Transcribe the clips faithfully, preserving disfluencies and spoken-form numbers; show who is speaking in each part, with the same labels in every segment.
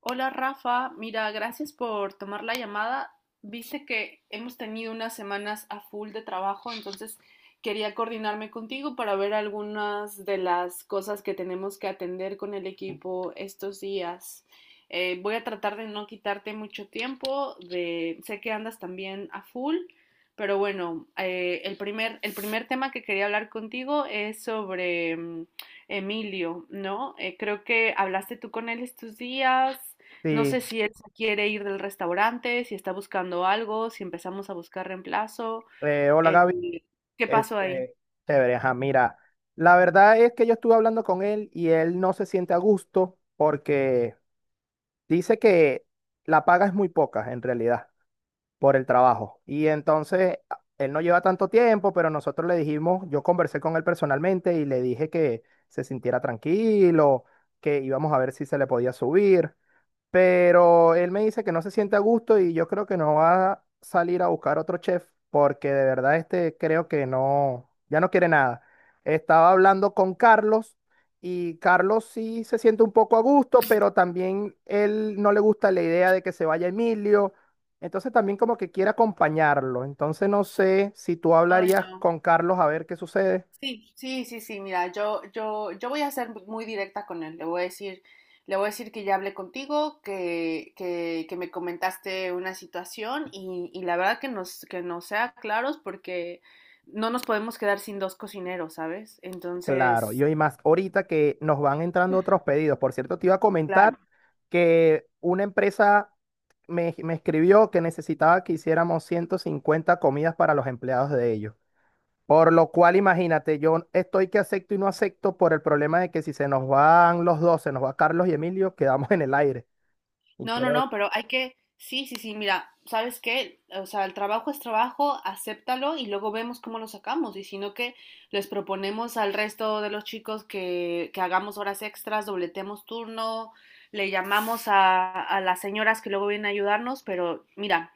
Speaker 1: Hola Rafa, mira, gracias por tomar la llamada. Viste que hemos tenido unas semanas a full de trabajo, entonces quería coordinarme contigo para ver algunas de las cosas que tenemos que atender con el equipo estos días. Eh, voy a tratar de no quitarte mucho tiempo, de, sé que andas también a full, pero bueno, eh, el primer, el primer tema que quería hablar contigo es sobre mm, Emilio, ¿no? Eh, creo que hablaste tú con él estos días. No sé
Speaker 2: Sí,
Speaker 1: si él se quiere ir del restaurante, si está buscando algo, si empezamos a buscar reemplazo.
Speaker 2: eh, hola
Speaker 1: eh,
Speaker 2: Gaby,
Speaker 1: ¿Qué pasó ahí?
Speaker 2: este, chévere, ajá, mira, la verdad es que yo estuve hablando con él y él no se siente a gusto porque dice que la paga es muy poca en realidad por el trabajo y entonces a- él no lleva tanto tiempo, pero nosotros le dijimos, yo conversé con él personalmente y le dije que se sintiera tranquilo, que íbamos a ver si se le podía subir. Pero él me dice que no se siente a gusto y yo creo que no va a salir a buscar otro chef porque de verdad este creo que no, ya no quiere nada. Estaba hablando con Carlos y Carlos sí se siente un poco a gusto, pero también él no le gusta la idea de que se vaya Emilio. Entonces también como que quiere acompañarlo. Entonces no sé si tú
Speaker 1: Ay,
Speaker 2: hablarías
Speaker 1: no.
Speaker 2: con Carlos a ver qué sucede.
Speaker 1: Sí, sí, sí, sí. Mira, yo, yo, yo voy a ser muy directa con él. Le voy a decir, le voy a decir que ya hablé contigo, que, que, que me comentaste una situación y, y la verdad que nos, que nos sea claros porque no nos podemos quedar sin dos cocineros, ¿sabes?
Speaker 2: Claro, y
Speaker 1: Entonces,
Speaker 2: hoy más, ahorita que nos van entrando otros pedidos. Por cierto, te iba a comentar
Speaker 1: claro.
Speaker 2: que una empresa me, me escribió que necesitaba que hiciéramos ciento cincuenta comidas para los empleados de ellos. Por lo cual, imagínate, yo estoy que acepto y no acepto por el problema de que si se nos van los dos, se nos va Carlos y Emilio, quedamos en el aire. Y
Speaker 1: No, no,
Speaker 2: creo,
Speaker 1: no, pero hay que, sí, sí, sí, mira, ¿sabes qué? O sea, el trabajo es trabajo, acéptalo y luego vemos cómo lo sacamos. Y si no, que les proponemos al resto de los chicos que, que hagamos horas extras, dobletemos turno, le llamamos a, a las señoras que luego vienen a ayudarnos, pero mira,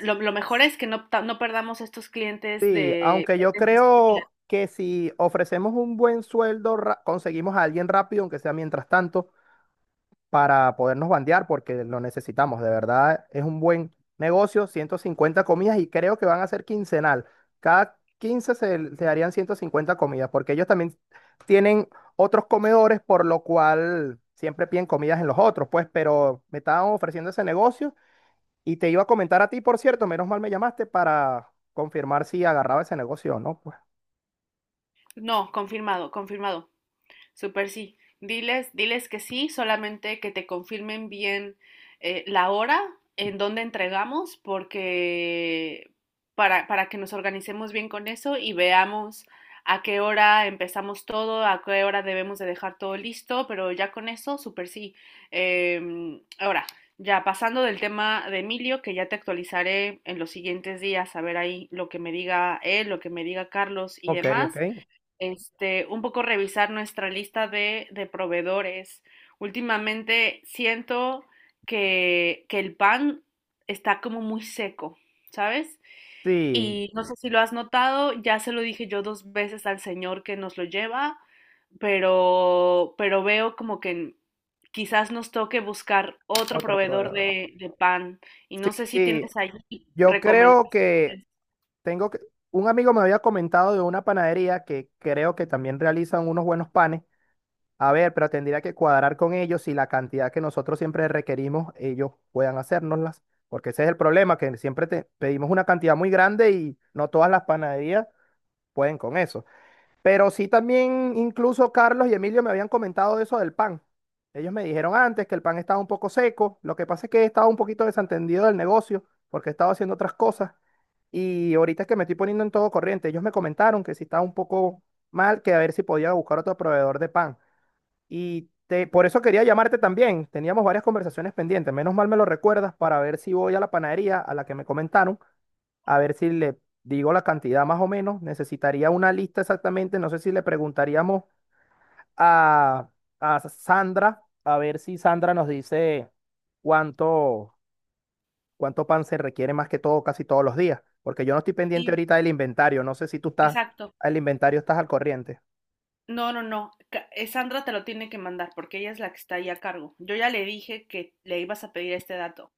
Speaker 1: lo, lo mejor es que no, ta- no perdamos estos clientes
Speaker 2: sí,
Speaker 1: de,
Speaker 2: aunque yo
Speaker 1: de estas comidas.
Speaker 2: creo que si ofrecemos un buen sueldo, ra- conseguimos a alguien rápido, aunque sea mientras tanto, para podernos bandear porque lo necesitamos. De verdad, es un buen negocio, ciento cincuenta comidas y creo que van a ser quincenal. Cada quince se, se harían ciento cincuenta comidas porque ellos también tienen otros comedores, por lo cual siempre piden comidas en los otros, pues, pero me estaban ofreciendo ese negocio y te iba a comentar a ti, por cierto, menos mal me llamaste para confirmar si agarraba ese negocio o no, pues.
Speaker 1: No, confirmado, confirmado. Súper sí. Diles, diles que sí, solamente que te confirmen bien eh, la hora en donde entregamos, porque para, para que nos organicemos bien con eso y veamos a qué hora empezamos todo, a qué hora debemos de dejar todo listo, pero ya con eso, súper sí. Em, ahora, ya pasando del tema de Emilio, que ya te actualizaré en los siguientes días, a ver ahí lo que me diga él, lo que me diga Carlos y
Speaker 2: Ok,
Speaker 1: demás
Speaker 2: ok.
Speaker 1: este, un poco revisar nuestra lista de, de proveedores. Últimamente siento que, que el pan está como muy seco, ¿sabes?
Speaker 2: Sí,
Speaker 1: Y no sé si lo has notado, ya se lo dije yo dos veces al señor que nos lo lleva, pero, pero veo como que quizás nos toque buscar otro
Speaker 2: otro
Speaker 1: proveedor
Speaker 2: prueba.
Speaker 1: de, de pan. Y
Speaker 2: Sí,
Speaker 1: no sé si
Speaker 2: sí.
Speaker 1: tienes ahí
Speaker 2: Yo creo
Speaker 1: recomendaciones.
Speaker 2: que tengo que, un amigo me había comentado de una panadería que creo que también realizan unos buenos panes. A ver, pero tendría que cuadrar con ellos si la cantidad que nosotros siempre requerimos, ellos puedan hacérnoslas. Porque ese es el problema, que siempre te pedimos una cantidad muy grande y no todas las panaderías pueden con eso. Pero sí, también incluso Carlos y Emilio me habían comentado eso del pan. Ellos me dijeron antes que el pan estaba un poco seco. Lo que pasa es que estaba un poquito desentendido del negocio porque estaba haciendo otras cosas. Y ahorita es que me estoy poniendo en todo corriente. Ellos me comentaron que si estaba un poco mal, que a ver si podía buscar otro proveedor de pan. Y te- por eso quería llamarte también. Teníamos varias conversaciones pendientes. Menos mal me lo recuerdas para ver si voy a la panadería a la que me comentaron, a ver si le digo la cantidad más o menos. Necesitaría una lista exactamente. No sé si le preguntaríamos a, a Sandra, a ver si Sandra nos dice cuánto, cuánto pan se requiere más que todo, casi todos los días. Porque yo no estoy pendiente
Speaker 1: Sí,
Speaker 2: ahorita del inventario. No sé si tú estás,
Speaker 1: exacto.
Speaker 2: el inventario, estás al corriente.
Speaker 1: No, no, no. Ca- eh, Sandra te lo tiene que mandar porque ella es la que está ahí a cargo. Yo ya le dije que le ibas a pedir este dato.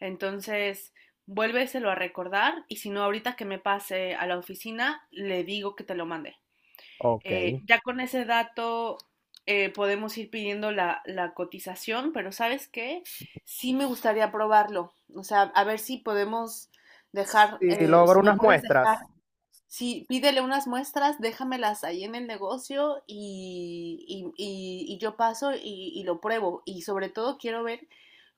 Speaker 1: Entonces, vuélveselo a recordar y si no, ahorita que me pase a la oficina, le digo que te lo mande.
Speaker 2: Ok.
Speaker 1: Eh, ya con ese dato eh, podemos ir pidiendo la, la cotización, pero ¿sabes qué? Sí me gustaría probarlo. O sea, a ver si podemos dejar,
Speaker 2: Si
Speaker 1: eh,
Speaker 2: logro
Speaker 1: si me
Speaker 2: unas
Speaker 1: puedes dejar.
Speaker 2: muestras.
Speaker 1: Sí, pídele unas muestras, déjamelas ahí en el negocio y, y- y- y yo paso y, y lo pruebo. Y sobre todo quiero ver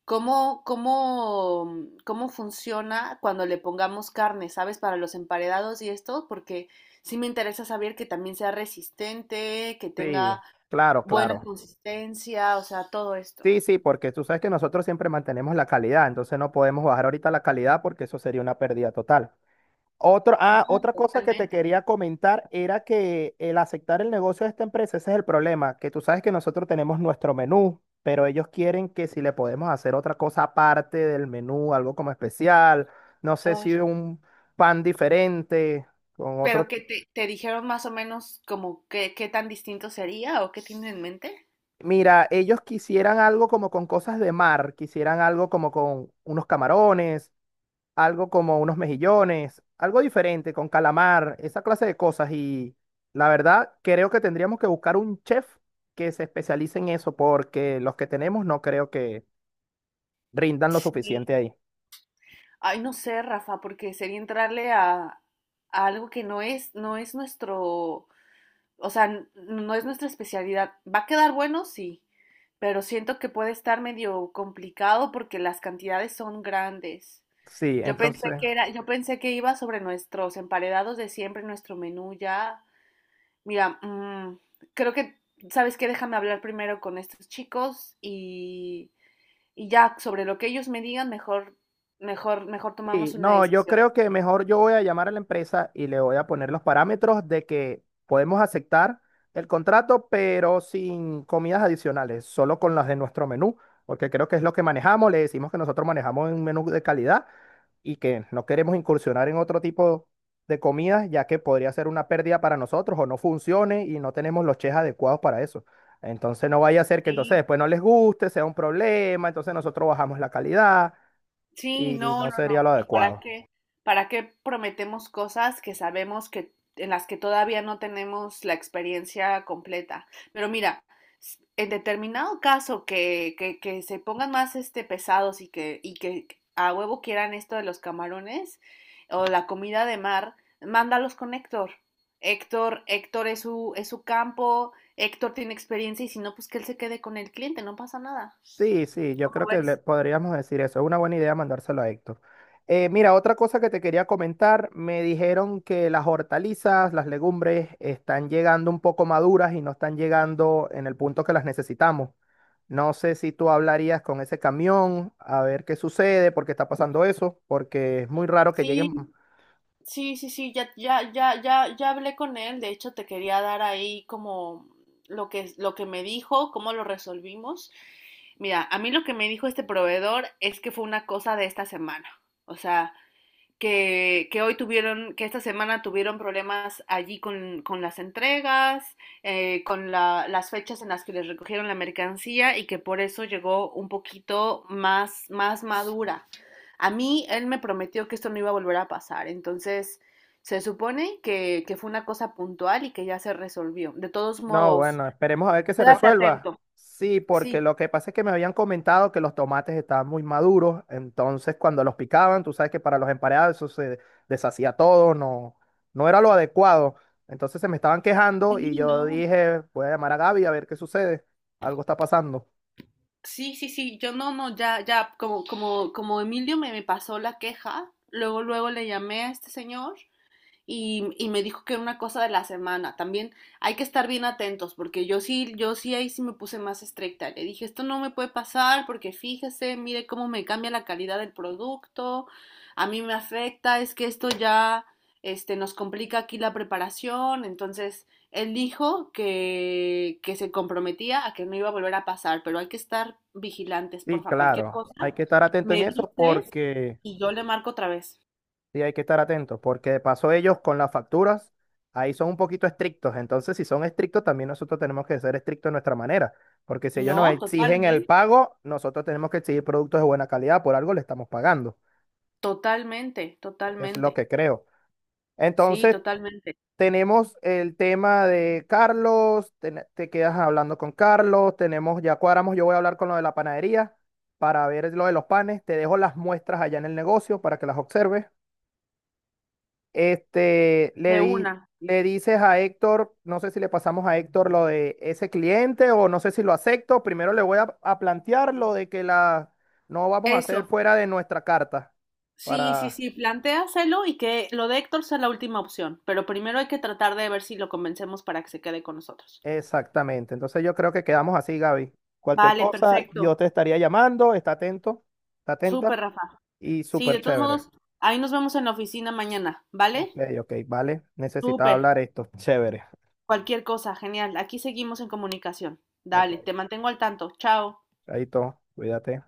Speaker 1: cómo, cómo, cómo funciona cuando le pongamos carne, ¿sabes? Para los emparedados y esto, porque sí me interesa saber que también sea resistente, que
Speaker 2: Sí,
Speaker 1: tenga
Speaker 2: claro,
Speaker 1: buena
Speaker 2: claro.
Speaker 1: consistencia, o sea, todo esto.
Speaker 2: Sí, sí, porque tú sabes que nosotros siempre mantenemos la calidad, entonces no podemos bajar ahorita la calidad porque eso sería una pérdida total. Otro, ah,
Speaker 1: No,
Speaker 2: otra cosa que te
Speaker 1: totalmente.
Speaker 2: quería comentar era que el aceptar el negocio de esta empresa, ese es el problema, que tú sabes que nosotros tenemos nuestro menú, pero ellos quieren que si le podemos hacer otra cosa aparte del menú, algo como especial, no sé si
Speaker 1: Ay,
Speaker 2: un pan diferente, con
Speaker 1: pero
Speaker 2: otro...
Speaker 1: ¿qué te, te dijeron más o menos como qué, qué tan distinto sería o qué tienen en mente?
Speaker 2: Mira, ellos quisieran algo como con cosas de mar, quisieran algo como con unos camarones, algo como unos mejillones, algo diferente, con calamar, esa clase de cosas. Y la verdad, creo que tendríamos que buscar un chef que se especialice en eso, porque los que tenemos no creo que rindan lo suficiente
Speaker 1: Sí,
Speaker 2: ahí.
Speaker 1: ay, no sé, Rafa, porque sería entrarle a, a algo que no es, no es nuestro, o sea, n- no es nuestra especialidad. ¿Va a quedar bueno? Sí, pero siento que puede estar medio complicado porque las cantidades son grandes.
Speaker 2: Sí,
Speaker 1: Yo pensé
Speaker 2: entonces,
Speaker 1: que era, yo pensé que iba sobre nuestros emparedados de siempre, nuestro menú ya. Mira, mm, creo que, ¿sabes qué? Déjame hablar primero con estos chicos y, y ya sobre lo que ellos me digan, mejor, mejor, mejor
Speaker 2: sí,
Speaker 1: tomamos una
Speaker 2: no, yo
Speaker 1: decisión.
Speaker 2: creo que mejor yo voy a llamar a la empresa y le voy a poner los parámetros de que podemos aceptar el contrato, pero sin comidas adicionales, solo con las de nuestro menú, porque creo que es lo que manejamos, le decimos que nosotros manejamos un menú de calidad y que no queremos incursionar en otro tipo de comidas, ya que podría ser una pérdida para nosotros o no funcione y no tenemos los chefs adecuados para eso. Entonces no vaya a ser que entonces
Speaker 1: Sí,
Speaker 2: después no les guste, sea un problema, entonces nosotros bajamos la calidad
Speaker 1: sí,
Speaker 2: y
Speaker 1: no,
Speaker 2: no
Speaker 1: no,
Speaker 2: sería
Speaker 1: no.
Speaker 2: lo
Speaker 1: ¿Y para
Speaker 2: adecuado.
Speaker 1: qué? ¿Para qué prometemos cosas que sabemos que en las que todavía no tenemos la experiencia completa? Pero mira, s- en determinado caso que, que, que se pongan más este pesados y que, y que a huevo quieran esto de los camarones o la comida de mar, mándalos con Héctor. Héctor, Héctor es su, es su campo, Héctor tiene experiencia y si no, pues que él se quede con el cliente, no pasa nada.
Speaker 2: Sí, sí, yo creo
Speaker 1: ¿Cómo
Speaker 2: que le
Speaker 1: ves?
Speaker 2: podríamos decir eso. Es una buena idea mandárselo a Héctor. Eh, mira, otra cosa que te quería comentar, me dijeron que las hortalizas, las legumbres están llegando un poco maduras y no están llegando en el punto que las necesitamos. No sé si tú hablarías con ese camión a ver qué sucede, por qué está pasando eso, porque es muy raro que lleguen.
Speaker 1: Sí. Sí, sí, sí, ya, ya, ya, ya, ya hablé con él. De hecho, te quería dar ahí como lo que, lo que me dijo, cómo lo resolvimos. Mira, a mí lo que me dijo este proveedor es que fue una cosa de esta semana. O sea, que, que hoy tuvieron, que esta semana tuvieron problemas allí con, con las entregas, eh, con la- las fechas en las que les recogieron la mercancía y que por eso llegó un poquito más, más madura. A mí él me prometió que esto no iba a volver a pasar, entonces se supone que, que fue una cosa puntual y que ya se resolvió. De todos
Speaker 2: No,
Speaker 1: modos,
Speaker 2: bueno, esperemos a ver que se
Speaker 1: quédate
Speaker 2: resuelva.
Speaker 1: atento.
Speaker 2: Sí, porque
Speaker 1: Sí,
Speaker 2: lo que pasa es que me habían comentado que los tomates estaban muy maduros, entonces cuando los picaban, tú sabes que para los emparedados eso se deshacía todo, no, no era lo adecuado. Entonces se me estaban quejando y
Speaker 1: sí,
Speaker 2: yo
Speaker 1: no,
Speaker 2: dije, voy a llamar a Gaby a ver qué sucede, algo está pasando.
Speaker 1: sí, sí, sí, yo no, no, ya, ya, como, como, como Emilio me, me pasó la queja, luego, luego le llamé a este señor y, y me dijo que era una cosa de la semana. También hay que estar bien atentos, porque yo sí, yo sí ahí sí me puse más estricta. Le dije, esto no me puede pasar, porque fíjese, mire cómo me cambia la calidad del producto, a mí me afecta, es que esto ya este, nos complica aquí la preparación. Entonces, él dijo que, que se comprometía a que no iba a volver a pasar, pero hay que estar vigilantes,
Speaker 2: Sí,
Speaker 1: porfa, cualquier
Speaker 2: claro,
Speaker 1: cosa,
Speaker 2: hay que estar atento en
Speaker 1: me
Speaker 2: eso
Speaker 1: dices
Speaker 2: porque...
Speaker 1: y yo le marco otra vez.
Speaker 2: Sí, hay que estar atentos, porque de paso ellos con las facturas, ahí son un poquito estrictos. Entonces, si son estrictos, también nosotros tenemos que ser estrictos de nuestra manera, porque si ellos nos
Speaker 1: No,
Speaker 2: exigen el
Speaker 1: totalmente.
Speaker 2: pago, nosotros tenemos que exigir productos de buena calidad, por algo le estamos pagando,
Speaker 1: Totalmente,
Speaker 2: es lo
Speaker 1: totalmente.
Speaker 2: que creo.
Speaker 1: Sí,
Speaker 2: Entonces,
Speaker 1: totalmente.
Speaker 2: tenemos el tema de Carlos, ten- te, quedas hablando con Carlos, tenemos, ya cuadramos, yo voy a hablar con lo de la panadería para ver lo de los panes, te dejo las muestras allá en el negocio para que las observes. Este,
Speaker 1: De
Speaker 2: le di-
Speaker 1: una.
Speaker 2: le dices a Héctor, no sé si le pasamos a Héctor lo de ese cliente o no sé si lo acepto. Primero le voy a, a plantear lo de que la no vamos a hacer
Speaker 1: Eso.
Speaker 2: fuera de nuestra carta,
Speaker 1: Sí, sí,
Speaker 2: para
Speaker 1: sí, plantéaselo y que lo de Héctor sea la última opción, pero primero hay que tratar de ver si lo convencemos para que se quede con nosotros.
Speaker 2: exactamente. Entonces yo creo que quedamos así, Gaby. Cualquier
Speaker 1: Vale,
Speaker 2: cosa, yo
Speaker 1: perfecto.
Speaker 2: te estaría llamando, está atento, está
Speaker 1: Súper,
Speaker 2: atenta
Speaker 1: Rafa.
Speaker 2: y
Speaker 1: Sí, de
Speaker 2: súper
Speaker 1: todos
Speaker 2: chévere.
Speaker 1: modos, ahí nos vemos en la oficina mañana,
Speaker 2: Ok,
Speaker 1: ¿vale?
Speaker 2: ok, vale. Necesitaba
Speaker 1: Súper.
Speaker 2: hablar esto. Chévere.
Speaker 1: Cualquier cosa, genial. Aquí seguimos en comunicación.
Speaker 2: Ok.
Speaker 1: Dale, te mantengo al tanto. Chao.
Speaker 2: Ahí todo. Cuídate.